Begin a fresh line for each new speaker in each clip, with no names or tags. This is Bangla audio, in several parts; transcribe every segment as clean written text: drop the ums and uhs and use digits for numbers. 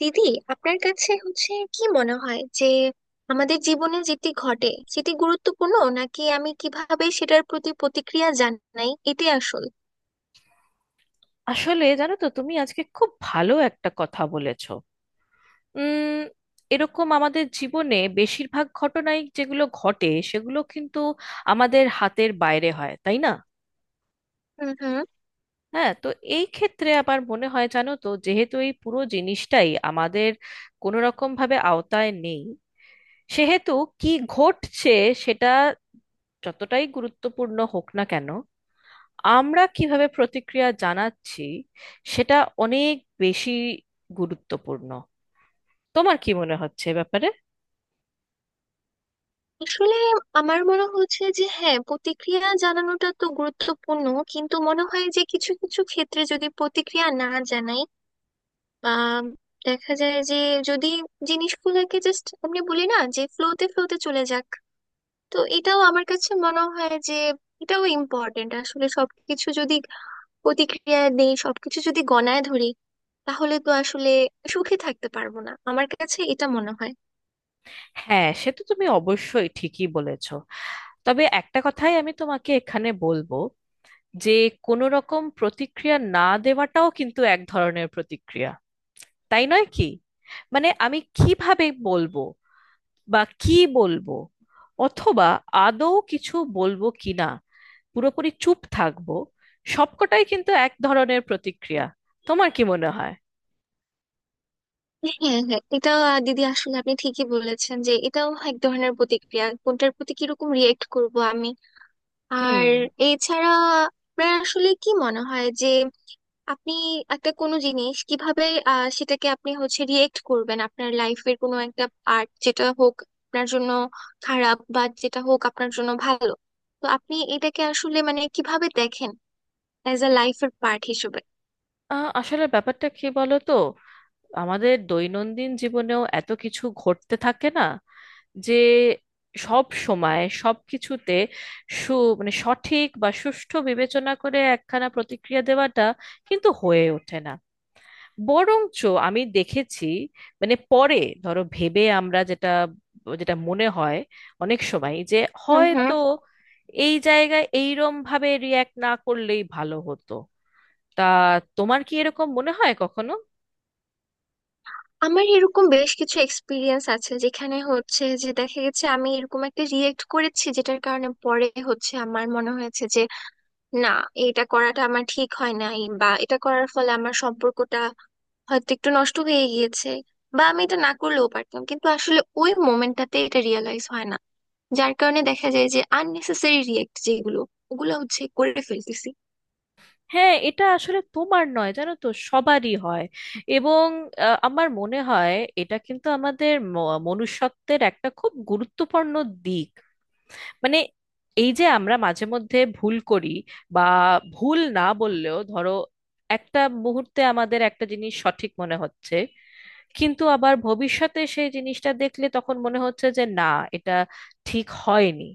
দিদি, আপনার কাছে হচ্ছে কি মনে হয় যে আমাদের জীবনে যেটি ঘটে সেটি গুরুত্বপূর্ণ, নাকি আমি কিভাবে সেটার প্রতি প্রতিক্রিয়া জানাই এটাই আসল?
আসলে জানো তো, তুমি আজকে খুব ভালো একটা কথা বলেছো। উম এরকম আমাদের জীবনে বেশিরভাগ ঘটনাই যেগুলো ঘটে সেগুলো কিন্তু আমাদের হাতের বাইরে হয়, তাই না?
হুম হুম।
হ্যাঁ, তো এই ক্ষেত্রে আমার মনে হয় জানো তো, যেহেতু এই পুরো জিনিসটাই আমাদের কোনো রকম ভাবে আওতায় নেই, সেহেতু কি ঘটছে সেটা যতটাই গুরুত্বপূর্ণ হোক না কেন, আমরা কিভাবে প্রতিক্রিয়া জানাচ্ছি সেটা অনেক বেশি গুরুত্বপূর্ণ। তোমার কি মনে হচ্ছে এ ব্যাপারে?
আসলে আমার মনে হচ্ছে যে হ্যাঁ, প্রতিক্রিয়া জানানোটা তো গুরুত্বপূর্ণ, কিন্তু মনে হয় যে কিছু কিছু ক্ষেত্রে যদি প্রতিক্রিয়া না জানাই বা দেখা যায় যে, যদি জিনিসগুলোকে জাস্ট আপনি বলি না যে ফ্লোতে ফ্লোতে চলে যাক, তো এটাও আমার কাছে মনে হয় যে এটাও ইম্পর্টেন্ট। আসলে সবকিছু যদি প্রতিক্রিয়া দেই, সবকিছু যদি গণায় ধরি, তাহলে তো আসলে সুখে থাকতে পারবো না, আমার কাছে এটা মনে হয়।
হ্যাঁ, সে তো তুমি অবশ্যই ঠিকই বলেছো। তবে একটা কথাই আমি তোমাকে এখানে বলবো, যে কোনো রকম প্রতিক্রিয়া না দেওয়াটাও কিন্তু এক ধরনের প্রতিক্রিয়া, তাই নয় কি? মানে আমি কিভাবে বলবো বা কি বলবো, অথবা আদৌ কিছু বলবো কিনা, পুরোপুরি চুপ থাকবো, সবকটাই কিন্তু এক ধরনের প্রতিক্রিয়া। তোমার কি মনে হয়?
হ্যাঁ হ্যাঁ, এটা দিদি আসলে আপনি ঠিকই বলেছেন যে এটাও এক ধরনের প্রতিক্রিয়া, কোনটার প্রতি কিরকম রিয়েক্ট করব আমি।
হুম।
আর এছাড়া আপনার আসলে কি মনে হয় যে আপনি একটা কোনো জিনিস কিভাবে, সেটাকে আপনি হচ্ছে রিয়েক্ট করবেন? আপনার লাইফের কোনো একটা পার্ট যেটা হোক আপনার জন্য খারাপ বা যেটা হোক আপনার জন্য ভালো, তো আপনি এটাকে আসলে মানে কিভাবে দেখেন অ্যাজ আ লাইফের পার্ট হিসেবে?
আ, আসলে ব্যাপারটা কি বলো তো, আমাদের দৈনন্দিন জীবনেও এত কিছু ঘটতে থাকে না, যে সব সময় সব কিছুতে সু মানে সঠিক বা সুষ্ঠু বিবেচনা করে একখানা প্রতিক্রিয়া দেওয়াটা কিন্তু হয়ে ওঠে না। বরঞ্চ আমি দেখেছি, মানে পরে ধরো ভেবে আমরা যেটা যেটা মনে হয় অনেক সময় যে
হুম হুম।
হয়তো এই জায়গায় এইরম ভাবে রিয়্যাক্ট না করলেই ভালো হতো। তা তোমার কি এরকম মনে হয় কখনো?
আমার এরকম বেশ কিছু এক্সপিরিয়েন্স আছে যেখানে হচ্ছে যে দেখা গেছে আমি এরকম একটা রিয়েক্ট করেছি যেটার কারণে পরে হচ্ছে আমার মনে হয়েছে যে না, এটা করাটা আমার ঠিক হয় নাই, বা এটা করার ফলে আমার সম্পর্কটা হয়তো একটু নষ্ট হয়ে গিয়েছে, বা আমি এটা না করলেও পারতাম, কিন্তু আসলে ওই মোমেন্টটাতে এটা রিয়েলাইজ হয় না, যার কারণে দেখা যায় যে আননেসেসারি রিয়েক্ট যেগুলো, ওগুলো হচ্ছে করে ফেলতেছি।
হ্যাঁ, এটা আসলে তোমার নয়, জানো তো, সবারই হয়। এবং আমার মনে হয় এটা কিন্তু আমাদের মনুষ্যত্বের একটা খুব গুরুত্বপূর্ণ দিক। মানে এই যে আমরা মাঝে মধ্যে ভুল করি, বা ভুল না বললেও ধরো একটা মুহূর্তে আমাদের একটা জিনিস সঠিক মনে হচ্ছে, কিন্তু আবার ভবিষ্যতে সেই জিনিসটা দেখলে তখন মনে হচ্ছে যে না, এটা ঠিক হয়নি।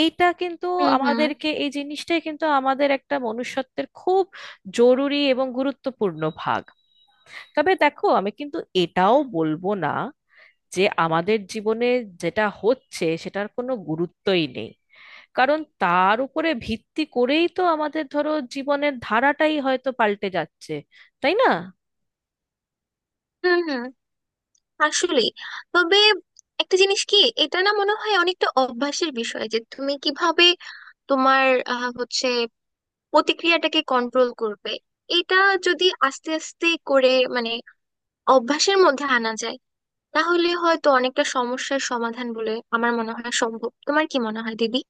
এইটা কিন্তু
হুম হুম।
আমাদেরকে, এই জিনিসটাই কিন্তু আমাদের একটা মনুষ্যত্বের খুব জরুরি এবং গুরুত্বপূর্ণ ভাগ। তবে দেখো আমি কিন্তু এটাও বলবো না যে আমাদের জীবনে যেটা হচ্ছে সেটার কোনো গুরুত্বই নেই, কারণ তার উপরে ভিত্তি করেই তো আমাদের ধরো জীবনের ধারাটাই হয়তো পাল্টে যাচ্ছে, তাই না?
হুম হুম। আসলে তবে একটা জিনিস কি, এটা না মনে হয় অনেকটা অভ্যাসের বিষয় যে তুমি কিভাবে তোমার হচ্ছে প্রতিক্রিয়াটাকে কন্ট্রোল করবে। এটা যদি আস্তে আস্তে করে মানে অভ্যাসের মধ্যে আনা যায়, তাহলে হয়তো অনেকটা সমস্যার সমাধান বলে আমার মনে হয় সম্ভব। তোমার কি মনে হয় দিদি?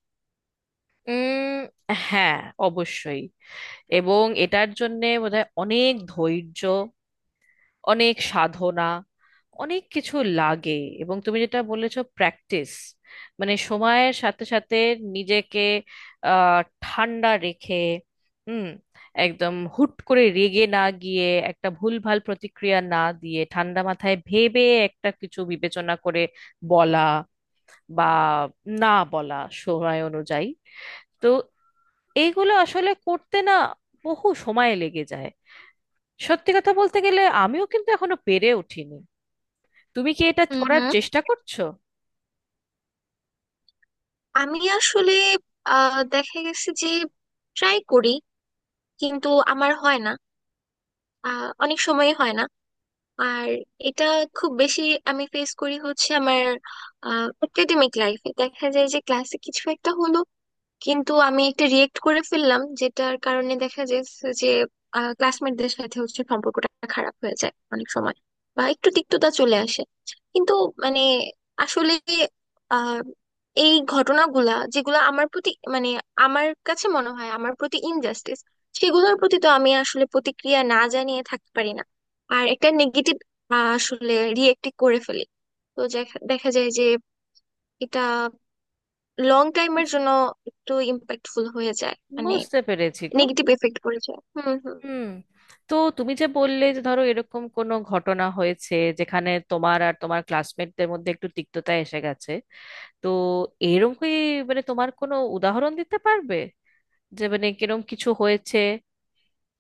উম হ্যাঁ, অবশ্যই। এবং এটার জন্যে বোধহয় অনেক ধৈর্য, অনেক সাধনা, অনেক কিছু লাগে। এবং তুমি যেটা বলেছো, প্র্যাকটিস। মানে সময়ের সাথে সাথে নিজেকে ঠান্ডা রেখে, হুম, একদম হুট করে রেগে না গিয়ে, একটা ভুলভাল প্রতিক্রিয়া না দিয়ে ঠান্ডা মাথায় ভেবে একটা কিছু বিবেচনা করে বলা বা না বলা, সময় অনুযায়ী। তো এইগুলো আসলে করতে না বহু সময় লেগে যায়। সত্যি কথা বলতে গেলে আমিও কিন্তু এখনো পেরে উঠিনি। তুমি কি এটা
হুম
করার
হুম।
চেষ্টা করছো?
আমি আসলে দেখা গেছে যে ট্রাই করি, কিন্তু আমার হয় না, অনেক সময় হয় না। আর এটা খুব বেশি আমি ফেস করি হচ্ছে আমার একাডেমিক লাইফে, দেখা যায় যে ক্লাসে কিছু একটা হলো কিন্তু আমি একটা রিয়েক্ট করে ফেললাম, যেটার কারণে দেখা যাচ্ছে যে ক্লাসমেটদের সাথে হচ্ছে সম্পর্কটা খারাপ হয়ে যায় অনেক সময়, বা একটু তিক্ততা চলে আসে। কিন্তু মানে আসলে আহ এই ঘটনাগুলা যেগুলো আমার প্রতি মানে আমার কাছে মনে হয় আমার প্রতি ইনজাস্টিস, সেগুলোর প্রতি তো আমি আসলে প্রতিক্রিয়া না জানিয়ে থাকতে পারি না, আর একটা নেগেটিভ আসলে রিয়েক্ট করে ফেলি। তো দেখা দেখা যায় যে এটা লং টাইমের জন্য একটু ইম্প্যাক্টফুল হয়ে যায়, মানে
বুঝতে পেরেছি গো।
নেগেটিভ এফেক্ট পড়ে যায়। হুম হুম।
হুম। তো তুমি যে বললে যে ধরো এরকম কোনো ঘটনা হয়েছে যেখানে তোমার আর তোমার ক্লাসমেটদের মধ্যে একটু তিক্ততা এসে গেছে, তো এরকম কি, মানে তোমার কোনো উদাহরণ দিতে পারবে যে মানে কিরম কিছু হয়েছে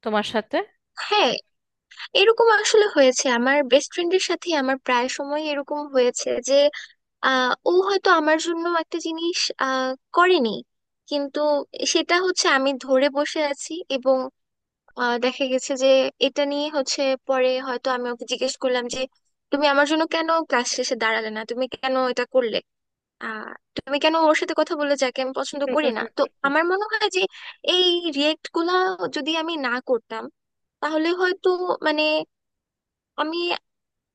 তোমার সাথে?
হ্যাঁ, এরকম আসলে হয়েছে আমার বেস্ট ফ্রেন্ডের সাথে, আমার প্রায় সময় এরকম হয়েছে যে ও হয়তো আমার জন্য একটা জিনিস আহ, করেনি, কিন্তু সেটা হচ্ছে আমি ধরে বসে আছি, এবং দেখা গেছে যে এটা নিয়ে হচ্ছে পরে হয়তো আমি ওকে জিজ্ঞেস করলাম যে তুমি আমার জন্য কেন ক্লাস শেষে দাঁড়ালে না, তুমি কেন এটা করলে, আহ তুমি কেন ওর সাথে কথা বললে যাকে আমি পছন্দ করি না? তো আমার মনে হয় যে এই রিয়েক্ট গুলা যদি আমি না করতাম তাহলে হয়তো, মানে, আমি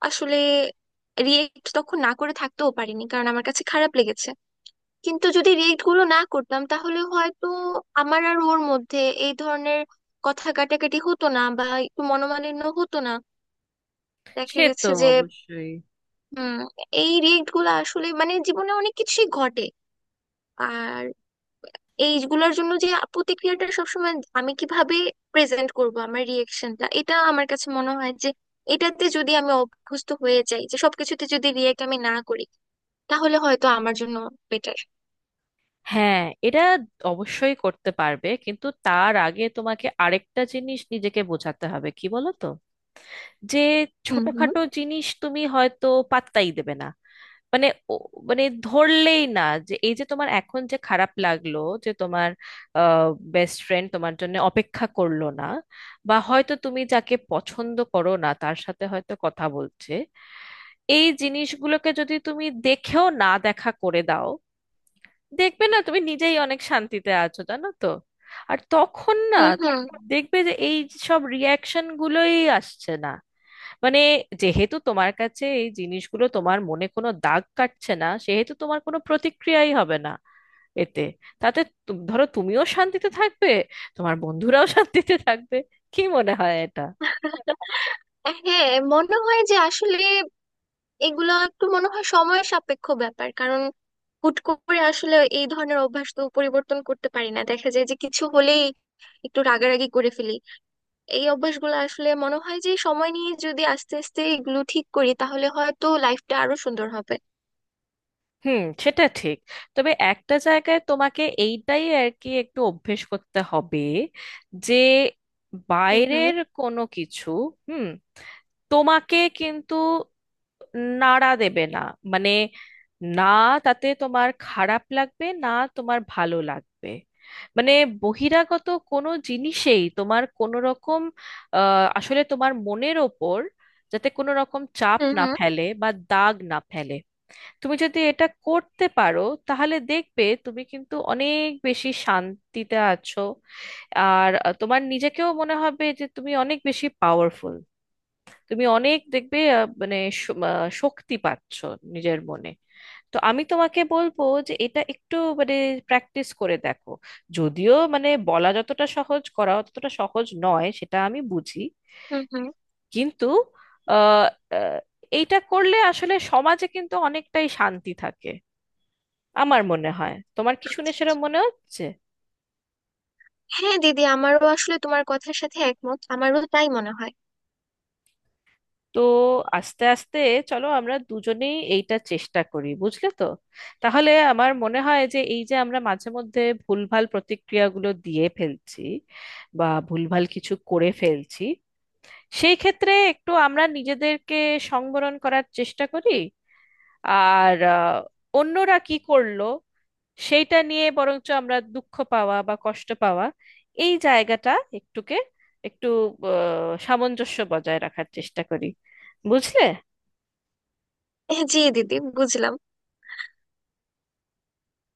আসলে রিয়েক্ট তখন না করে থাকতেও পারিনি কারণ আমার কাছে খারাপ লেগেছে, কিন্তু যদি রিয়েক্ট গুলো না করতাম তাহলে হয়তো আমার আর ওর মধ্যে এই ধরনের কথা কাটাকাটি হতো না বা একটু মনোমালিন্য হতো না, দেখা
সে তো
গেছে যে।
অবশ্যই।
হুম। এই রিয়েক্ট গুলো আসলে মানে জীবনে অনেক কিছুই ঘটে, আর এইগুলোর জন্য যে প্রতিক্রিয়াটা সবসময় আমি কিভাবে প্রেজেন্ট করব আমার রিয়েকশনটা, এটা আমার কাছে মনে হয় যে এটাতে যদি আমি অভ্যস্ত হয়ে যাই যে সবকিছুতে যদি রিয়েক্ট আমি না করি, তাহলে হয়তো আমার জন্য বেটার।
হ্যাঁ, এটা অবশ্যই করতে পারবে, কিন্তু তার আগে তোমাকে আরেকটা জিনিস নিজেকে বোঝাতে হবে, কি বলো তো, যে
হুম হুম।
ছোটখাটো জিনিস তুমি হয়তো পাত্তাই দেবে না। মানে ও- মানে ধরলেই না যে এই যে তোমার এখন যে খারাপ লাগলো যে তোমার বেস্ট ফ্রেন্ড তোমার জন্য অপেক্ষা করলো না, বা হয়তো তুমি যাকে পছন্দ করো না তার সাথে হয়তো কথা বলছে, এই জিনিসগুলোকে যদি তুমি দেখেও না দেখা করে দাও, দেখবে না তুমি নিজেই অনেক শান্তিতে আছো, জানো তো? আর তখন না
হুম হুম।
দেখবে যে এই সব রিয়াকশন গুলোই আসছে না। মানে যেহেতু তোমার কাছে এই জিনিসগুলো তোমার মনে কোনো দাগ কাটছে না, সেহেতু তোমার কোনো প্রতিক্রিয়াই হবে না এতে। তাতে ধরো তুমিও শান্তিতে থাকবে, তোমার বন্ধুরাও শান্তিতে থাকবে। কি মনে হয় এটা?
হ্যাঁ, মনে হয় যে আসলে এগুলো একটু মনে হয় সময় সাপেক্ষ ব্যাপার, কারণ হুট করে আসলে এই ধরনের অভ্যাস তো পরিবর্তন করতে পারি না, দেখা যায় যে কিছু হলেই একটু রাগারাগি করে ফেলি। এই অভ্যাসগুলো আসলে মনে হয় যে সময় নিয়ে যদি আস্তে আস্তে এগুলো ঠিক করি তাহলে হয়তো লাইফটা আরো সুন্দর হবে।
হুম, সেটা ঠিক। তবে একটা জায়গায় তোমাকে এইটাই আর কি একটু অভ্যেস করতে হবে, যে
হুম হুম।
বাইরের কোনো কিছু, হুম, তোমাকে কিন্তু নাড়া দেবে না। মানে না, তাতে তোমার খারাপ লাগবে না, তোমার ভালো লাগবে। মানে বহিরাগত কোনো জিনিসেই তোমার কোনো রকম আসলে তোমার মনের ওপর যাতে কোনো রকম চাপ
হুম
না
হুম।
ফেলে বা দাগ না ফেলে। তুমি যদি এটা করতে পারো, তাহলে দেখবে তুমি কিন্তু অনেক বেশি শান্তিতে আছো। আর তোমার নিজেকেও মনে হবে যে তুমি অনেক বেশি পাওয়ারফুল। তুমি অনেক দেখবে, মানে শক্তি পাচ্ছো নিজের মনে। তো আমি তোমাকে বলবো যে এটা একটু মানে প্র্যাকটিস করে দেখো। যদিও মানে বলা যতটা সহজ করা ততটা সহজ নয়, সেটা আমি বুঝি।
হুম হুম।
কিন্তু আহ, আহ, এইটা করলে আসলে সমাজে কিন্তু অনেকটাই শান্তি থাকে আমার মনে হয়। তোমার কি শুনে সেরকম মনে হচ্ছে?
হ্যাঁ দিদি, আমারও আসলে তোমার কথার সাথে একমত, আমারও তাই মনে হয়।
তো আস্তে আস্তে চলো আমরা দুজনেই এইটা চেষ্টা করি, বুঝলে তো? তাহলে আমার মনে হয় যে এই যে আমরা মাঝে মধ্যে ভুলভাল প্রতিক্রিয়াগুলো দিয়ে ফেলছি বা ভুলভাল কিছু করে ফেলছি, সেই ক্ষেত্রে একটু আমরা নিজেদেরকে সংবরণ করার চেষ্টা করি। আর অন্যরা কি করলো সেইটা নিয়ে বরঞ্চ আমরা দুঃখ পাওয়া বা কষ্ট পাওয়া, এই জায়গাটা একটুকে একটু সামঞ্জস্য বজায় রাখার চেষ্টা করি, বুঝলে?
হ্যাঁ, জি দিদি, বুঝলাম।